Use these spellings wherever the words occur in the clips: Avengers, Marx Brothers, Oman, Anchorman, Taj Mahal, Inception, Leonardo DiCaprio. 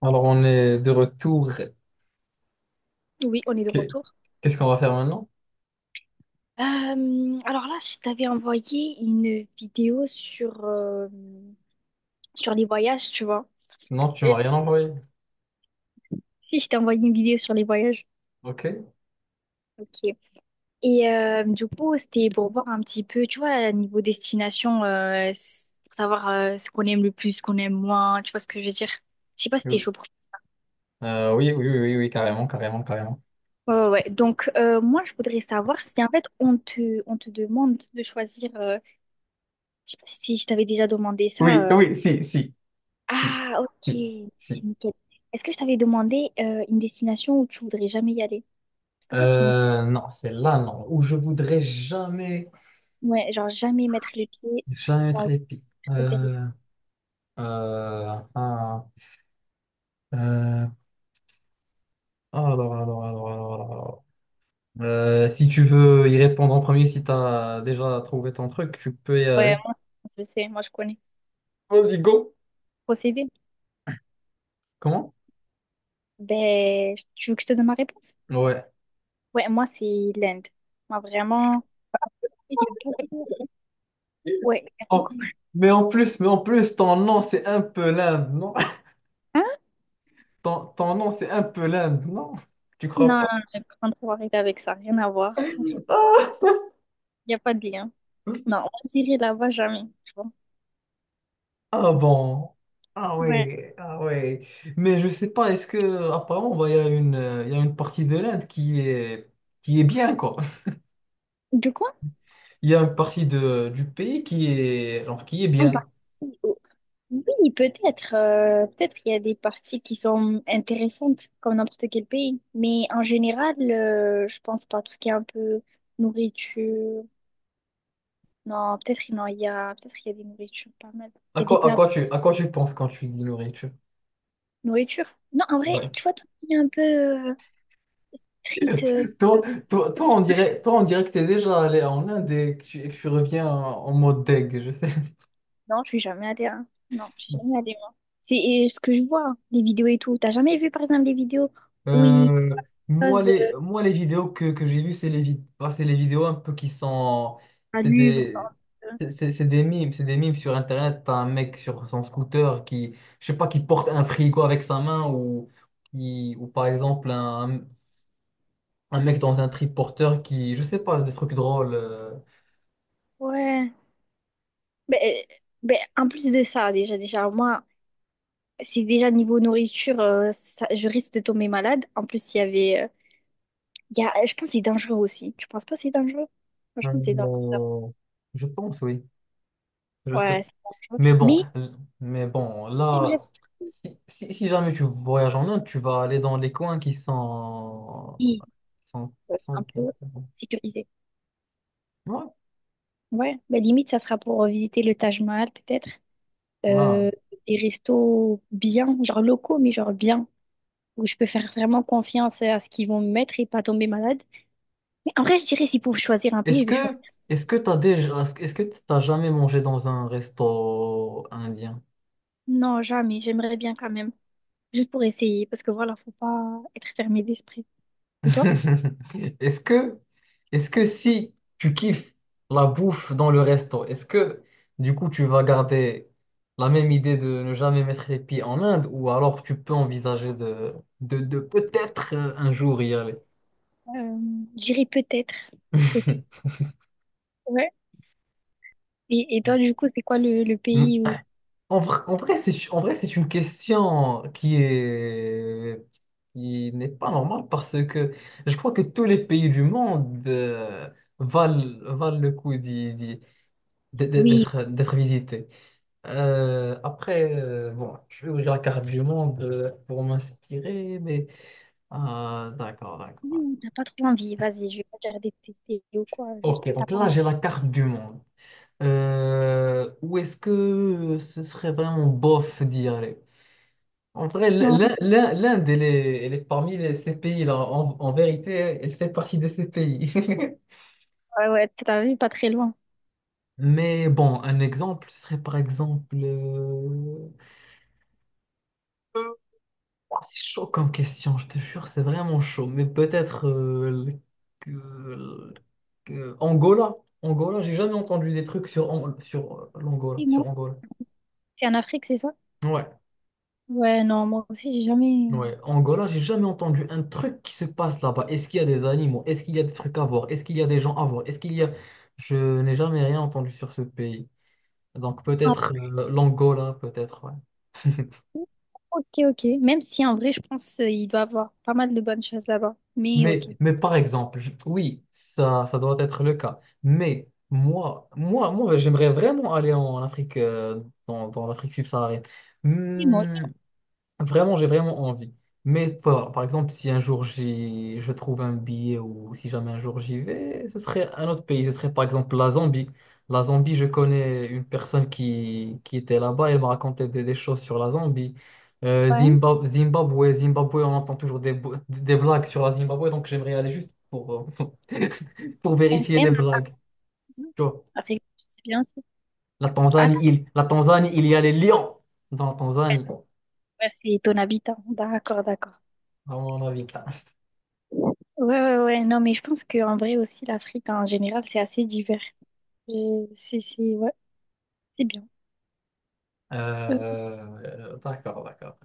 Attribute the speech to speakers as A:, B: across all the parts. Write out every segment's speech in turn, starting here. A: Alors, on est de retour.
B: Oui, on est de
A: Qu'est-
B: retour.
A: Qu'est-ce qu'on va faire maintenant?
B: Euh, alors là, je t'avais envoyé une vidéo sur, sur les voyages, tu vois.
A: Non, tu
B: Euh,
A: m'as rien envoyé.
B: Si, je t'ai envoyé une vidéo sur les voyages.
A: Ok.
B: Ok. Et du coup, c'était pour voir un petit peu, tu vois, niveau destination, pour savoir ce qu'on aime le plus, ce qu'on aime moins, tu vois ce que je veux dire. Je sais pas si t'es chaud pour...
A: Oui, oui, oui, oui, oui, carrément, carrément, carrément.
B: Ouais, ouais, ouais. Donc, moi, je voudrais savoir si, en fait, on te demande de choisir... je sais pas si je t'avais déjà demandé
A: Oui,
B: ça.
A: oui, si, si, si,
B: Ah, ok.
A: si, si.
B: Nickel. Est-ce que je t'avais demandé une destination où tu voudrais jamais y aller? Parce que ça, c'est une...
A: Non, c'est là, non, où je voudrais jamais,
B: Ouais, genre jamais mettre les pieds
A: jamais
B: dans
A: être
B: le
A: épique.
B: plateau d'Arica.
A: Euh, ah, euh, alors, alors, alors. Si tu veux y répondre en premier, si tu as déjà trouvé ton truc, tu peux y
B: Ouais,
A: aller.
B: moi, je sais, moi, je connais.
A: Vas-y, go.
B: Procéder.
A: Comment?
B: Ben, tu veux que je te donne ma réponse?
A: Ouais.
B: Ouais, moi, c'est l'Inde. Moi, vraiment, il y a beaucoup... Ouais, il y a
A: en-
B: beaucoup...
A: mais en plus, ton nom, c'est un peu l'Inde, non?
B: Hein?
A: Ton nom, c'est un peu l'Inde, non? Tu crois
B: Non, non,
A: pas?
B: non, par contre, faut arrêter avec ça. Rien à voir. Rien à voir. Il n'y a pas de lien. Non, on dirait là-bas jamais. Tu vois.
A: Ah bon. Ah
B: Ouais.
A: ouais, ah ouais. Mais je sais pas, est-ce que apparemment bah, il y a une il y a une partie de l'Inde qui est bien quoi.
B: De quoi?
A: Il y a une partie de du pays qui est
B: Ah, il
A: bien.
B: parle. Oui, peut-être. Peut-être il y a des parties qui sont intéressantes, comme n'importe quel pays. Mais en général, je pense pas. Tout ce qui est un peu nourriture. Non, peut-être non, il y a, peut-être il y a des nourritures pas mal. Il
A: À
B: y a des
A: quoi à
B: plats
A: quoi tu à quoi tu penses quand tu dis nourriture?
B: nourriture. Non, en vrai,
A: Ouais.
B: tu vois, tout ce qui est un peu euh, street. Euh,
A: Toi, toi, on dirait que t'es déjà allé en Inde et que tu reviens en mode deg, je sais.
B: non, je suis jamais allée, hein. Non, je suis jamais allée, moi. C'est ce que je vois, les vidéos et tout. T'as jamais vu, par exemple, les vidéos où ils
A: Euh, moi,
B: posent
A: les, moi, les vidéos que j'ai vues, c'est les vidéos un peu qui sont.
B: un
A: C'est
B: livre?
A: des,
B: euh,
A: c'est des mimes. C'est des mimes sur Internet. T'as un mec sur son scooter qui, je sais pas, qui porte un frigo avec sa main ou, ou par exemple un mec dans un triporteur qui, je sais pas, des trucs drôles.
B: Ouais. Ben, en plus de ça, déjà, moi, c'est déjà niveau nourriture, je risque de tomber malade. En plus, il y avait. Il y a, je pense que c'est dangereux aussi. Tu penses pas que c'est dangereux? Franchement, c'est dangereux.
A: Euh, je pense, oui. Je sais.
B: Ouais, c'est dangereux.
A: Mais bon,
B: Mais
A: l- mais bon,
B: j'aimerais
A: là. Si jamais tu voyages en Inde, tu vas aller dans les coins qui sont
B: oui,
A: 100,
B: un
A: 115,
B: peu
A: 40.
B: sécurisé.
A: Ouais.
B: Ouais, ben, limite, ça sera pour visiter le Taj Mahal, peut-être. Euh,
A: Voilà.
B: des restos bien, genre locaux, mais genre bien, où je peux faire vraiment confiance à ce qu'ils vont me mettre et pas tomber malade. Mais en vrai, je dirais, s'il faut choisir un pays,
A: Est-ce
B: je vais choisir.
A: que est-ce que t'as jamais mangé dans un resto indien?
B: Non, jamais. J'aimerais bien quand même. Juste pour essayer, parce que voilà, faut pas être fermé d'esprit. Et toi?
A: Est-ce que est-ce que si tu kiffes la bouffe dans le resto, est-ce que du coup tu vas garder la même idée de ne jamais mettre les pieds en Inde ou alors tu peux envisager de peut-être, un jour y aller?
B: Euh, J'irai peut-être. Peut-être. Ouais. Et toi, du coup, c'est quoi le pays où...
A: En vrai, c'est une question qui n'est pas normale parce que je crois que tous les pays du monde valent, valent le coup d'être,
B: Oui,
A: d'être d'être visités. Après, bon, je vais ouvrir la carte du monde pour m'inspirer, mais ah, d'accord,
B: oui,
A: d'accord.
B: où t'as pas trop envie. Vas-y, je vais pas dire détester ou quoi. Juste,
A: Ok,
B: t'as
A: donc
B: pas
A: là,
B: envie.
A: j'ai la carte du monde. Où est-ce que ce serait vraiment bof d'y aller? En vrai,
B: Ouais,
A: l'Inde, elle est parmi ces pays-là. En vérité, elle fait partie de ces pays.
B: ouais, ouais, t'as vu, pas très loin.
A: Mais bon, un exemple serait par exemple, oh, c'est chaud comme question, je te jure, c'est vraiment chaud. Mais peut-être, que- le- Angola. Angola, j'ai jamais entendu des trucs sur, An- sur l'Angola,
B: Et
A: sur
B: moi,
A: Angola.
B: c'est en Afrique, c'est ça?
A: Ouais.
B: Ouais, non, moi aussi, j'ai jamais.
A: Ouais, Angola, j'ai jamais entendu un truc qui se passe là-bas. Est-ce qu'il y a des animaux? Est-ce qu'il y a des trucs à voir? Est-ce qu'il y a des gens à voir? Est-ce qu'il y a? Je n'ai jamais rien entendu sur ce pays. Donc
B: Ah,
A: peut-être l'Angola, peut-être, ouais.
B: ok, ok. Même si en vrai, je pense il doit avoir pas mal de bonnes choses là-bas. Mais
A: Mais,
B: ok.
A: mais par exemple, oui, ça doit être le cas. Mais moi, j'aimerais vraiment aller en Afrique, dans l'Afrique subsaharienne.
B: C'est moi,
A: Hmm. Vraiment, j'ai vraiment envie. Mais faut voir. Par exemple, si un jour je trouve un billet ou si jamais un jour j'y vais, ce serait un autre pays. Ce serait par exemple la Zambie. La Zambie, je connais une personne qui était là-bas. Elle m'a raconté des choses sur la Zambie.
B: ouais.
A: Zimbabwe, on entend toujours des blagues sur la Zimbabwe. Donc j'aimerais aller juste pour, euh, pour vérifier les
B: Même
A: blagues. Tu vois.
B: avec, c'est bien ça.
A: La
B: Attends,
A: Tanzanie, il, la Tanzanie, il y a les lions dans la Tanzanie,
B: ouais, c'est ton habitant. D'accord, d'accord.
A: à mon avis.
B: Ouais, ouais, ouais. Non, mais je pense qu'en vrai aussi, l'Afrique en général, c'est assez divers. C'est ouais, c'est bien. Euh,
A: D'accord, d'accord.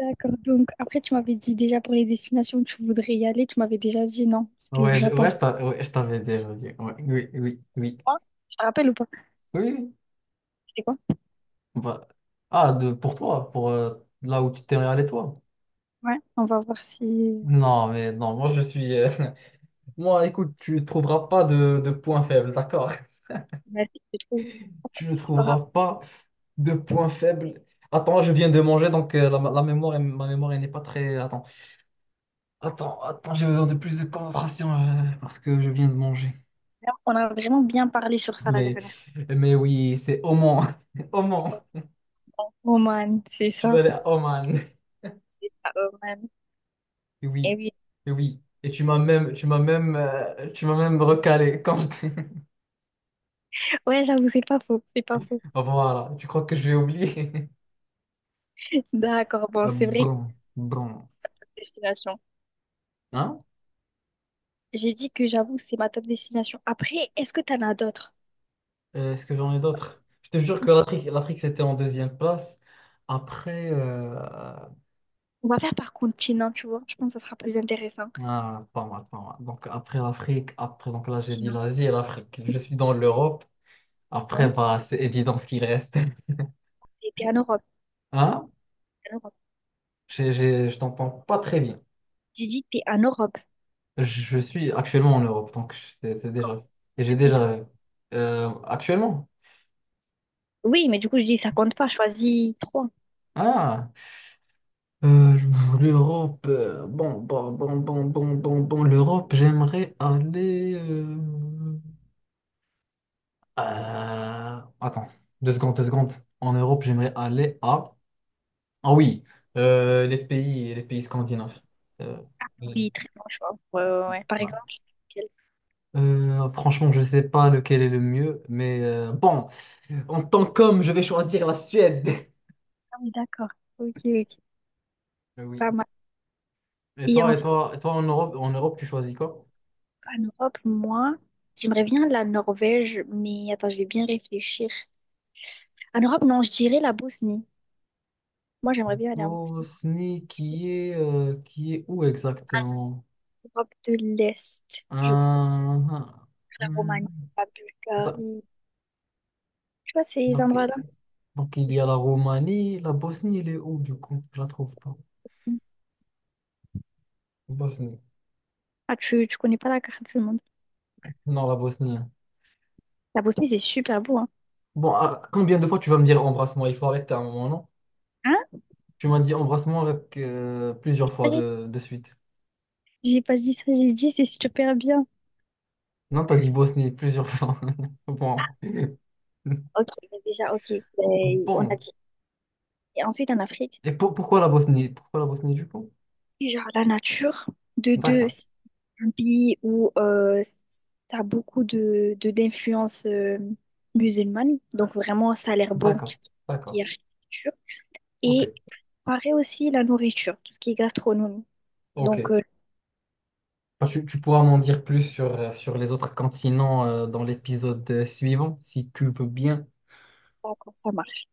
B: d'accord. Donc, après, tu m'avais dit déjà pour les destinations où tu voudrais y aller, tu m'avais déjà dit non,
A: Oh,
B: c'était le
A: ouais,
B: Japon.
A: je t'avais déjà dit. Ouais, oui, oui, oui.
B: Ah, tu te rappelles ou pas?
A: Oui. Oui.
B: C'était quoi?
A: Bah, ah, pour toi, pour là où tu t'es allé, toi.
B: Ouais, on va voir si,
A: Non, mais non, moi je suis. Moi, écoute, tu ne trouveras pas de points faibles, d'accord?
B: bah, si je trouve.
A: Tu ne trouveras pas de points faibles. Attends, je viens de manger, donc ma mémoire elle n'est pas très. Attends, j'ai besoin de plus de concentration parce que je viens de manger.
B: On a vraiment bien parlé sur ça la
A: Mais,
B: dernière
A: mais, oui, c'est Oman. Oman.
B: fois. Oman, c'est
A: Tu vas
B: ça.
A: aller à Oman.
B: C'est ça, Oman.
A: Et
B: Et
A: oui.
B: oui.
A: Et oui. Et tu m'as même recalé
B: Ouais, j'avoue, c'est pas faux. C'est pas faux.
A: Voilà. Tu crois que je vais oublier?
B: D'accord, bon, c'est vrai que
A: Bon, bon.
B: c'est une destination.
A: Hein?
B: J'ai dit que j'avoue, c'est ma top destination. Après, est-ce que t'en as d'autres?
A: Est-ce que j'en ai d'autres? Je te jure que l'Afrique, c'était en 2e place. Après,
B: On va faire par continent, tu vois. Je pense que ça sera plus intéressant.
A: ah, pas mal, pas mal. Donc après l'Afrique, après, donc là j'ai dit
B: Continent,
A: l'Asie et l'Afrique. Je suis dans l'Europe. Après,
B: hein.
A: bah, c'est évident ce qui reste.
B: Et t'es en Europe.
A: Hein?
B: T'es en Europe.
A: Je t'entends pas très bien.
B: J'ai dit t'es en Europe.
A: Je suis actuellement en Europe, donc c'est déjà. Et j'ai
B: Du coup, ça-
A: déjà. Actuellement?
B: Oui, mais du coup, je dis ça compte pas. Choisis trois.
A: Ah! Euh, L'Europe. Bon, l'Europe, j'aimerais aller. Attends, 2 secondes, 2 secondes. En Europe, j'aimerais aller à. Ah oui, les pays scandinaves. Euh,
B: Oui, très bon choix. Ouais, ouais, ouais. Par
A: voilà.
B: exemple,
A: Franchement, je sais pas lequel est le mieux, mais bon, en tant qu'homme, je vais choisir la Suède.
B: ah oui, d'accord. Ok, ok.
A: Oui.
B: Pas mal.
A: Et
B: Et
A: toi, et
B: ensuite,
A: toi, et toi en Europe, tu choisis quoi?
B: en Europe, moi, j'aimerais bien la Norvège, mais attends, je vais bien réfléchir. En Europe, non, je dirais la Bosnie. Moi, j'aimerais bien aller en Bosnie.
A: Bosnie, qui est où exactement?
B: Europe de l'Est, je crois.
A: Hum.
B: La Roumanie,
A: Hum.
B: la
A: da-
B: Bulgarie. Tu vois, ces
A: donc,
B: endroits-là.
A: donc, il y a la Roumanie, la Bosnie, elle est où du coup? Je la trouve pas. Bosnie.
B: Ah, tu connais pas la carte du monde.
A: Non, la Bosnie, hein.
B: La Bosnie, c'est super beau, hein.
A: Bon, ah, combien de fois tu vas me dire embrassement? Il faut arrêter à un moment, non?
B: Hein?
A: Tu m'as dit embrassement plusieurs fois
B: Vas-y.
A: de suite.
B: J'ai pas dit ça, j'ai dit c'est super bien.
A: Non, t'as dit Bosnie plusieurs fois. Bon.
B: Ok, mais déjà, ok. Ben, on a
A: Bon.
B: dit. Et ensuite, en Afrique,
A: Et pourquoi la Bosnie? Pourquoi la Bosnie du coup?
B: genre la nature, de deux.
A: D'accord,
B: Pays où ça a beaucoup de d'influence musulmane. Donc vraiment, ça a l'air beau, tout
A: d'accord,
B: ce qui est
A: d'accord.
B: architecture.
A: Ok,
B: Et pareil aussi la nourriture, tout ce qui est gastronomie. Donc,
A: ok.
B: je sais
A: Bah, tu pourras m'en dire plus sur les autres continents dans l'épisode suivant, si tu veux bien.
B: pas comment ça marche.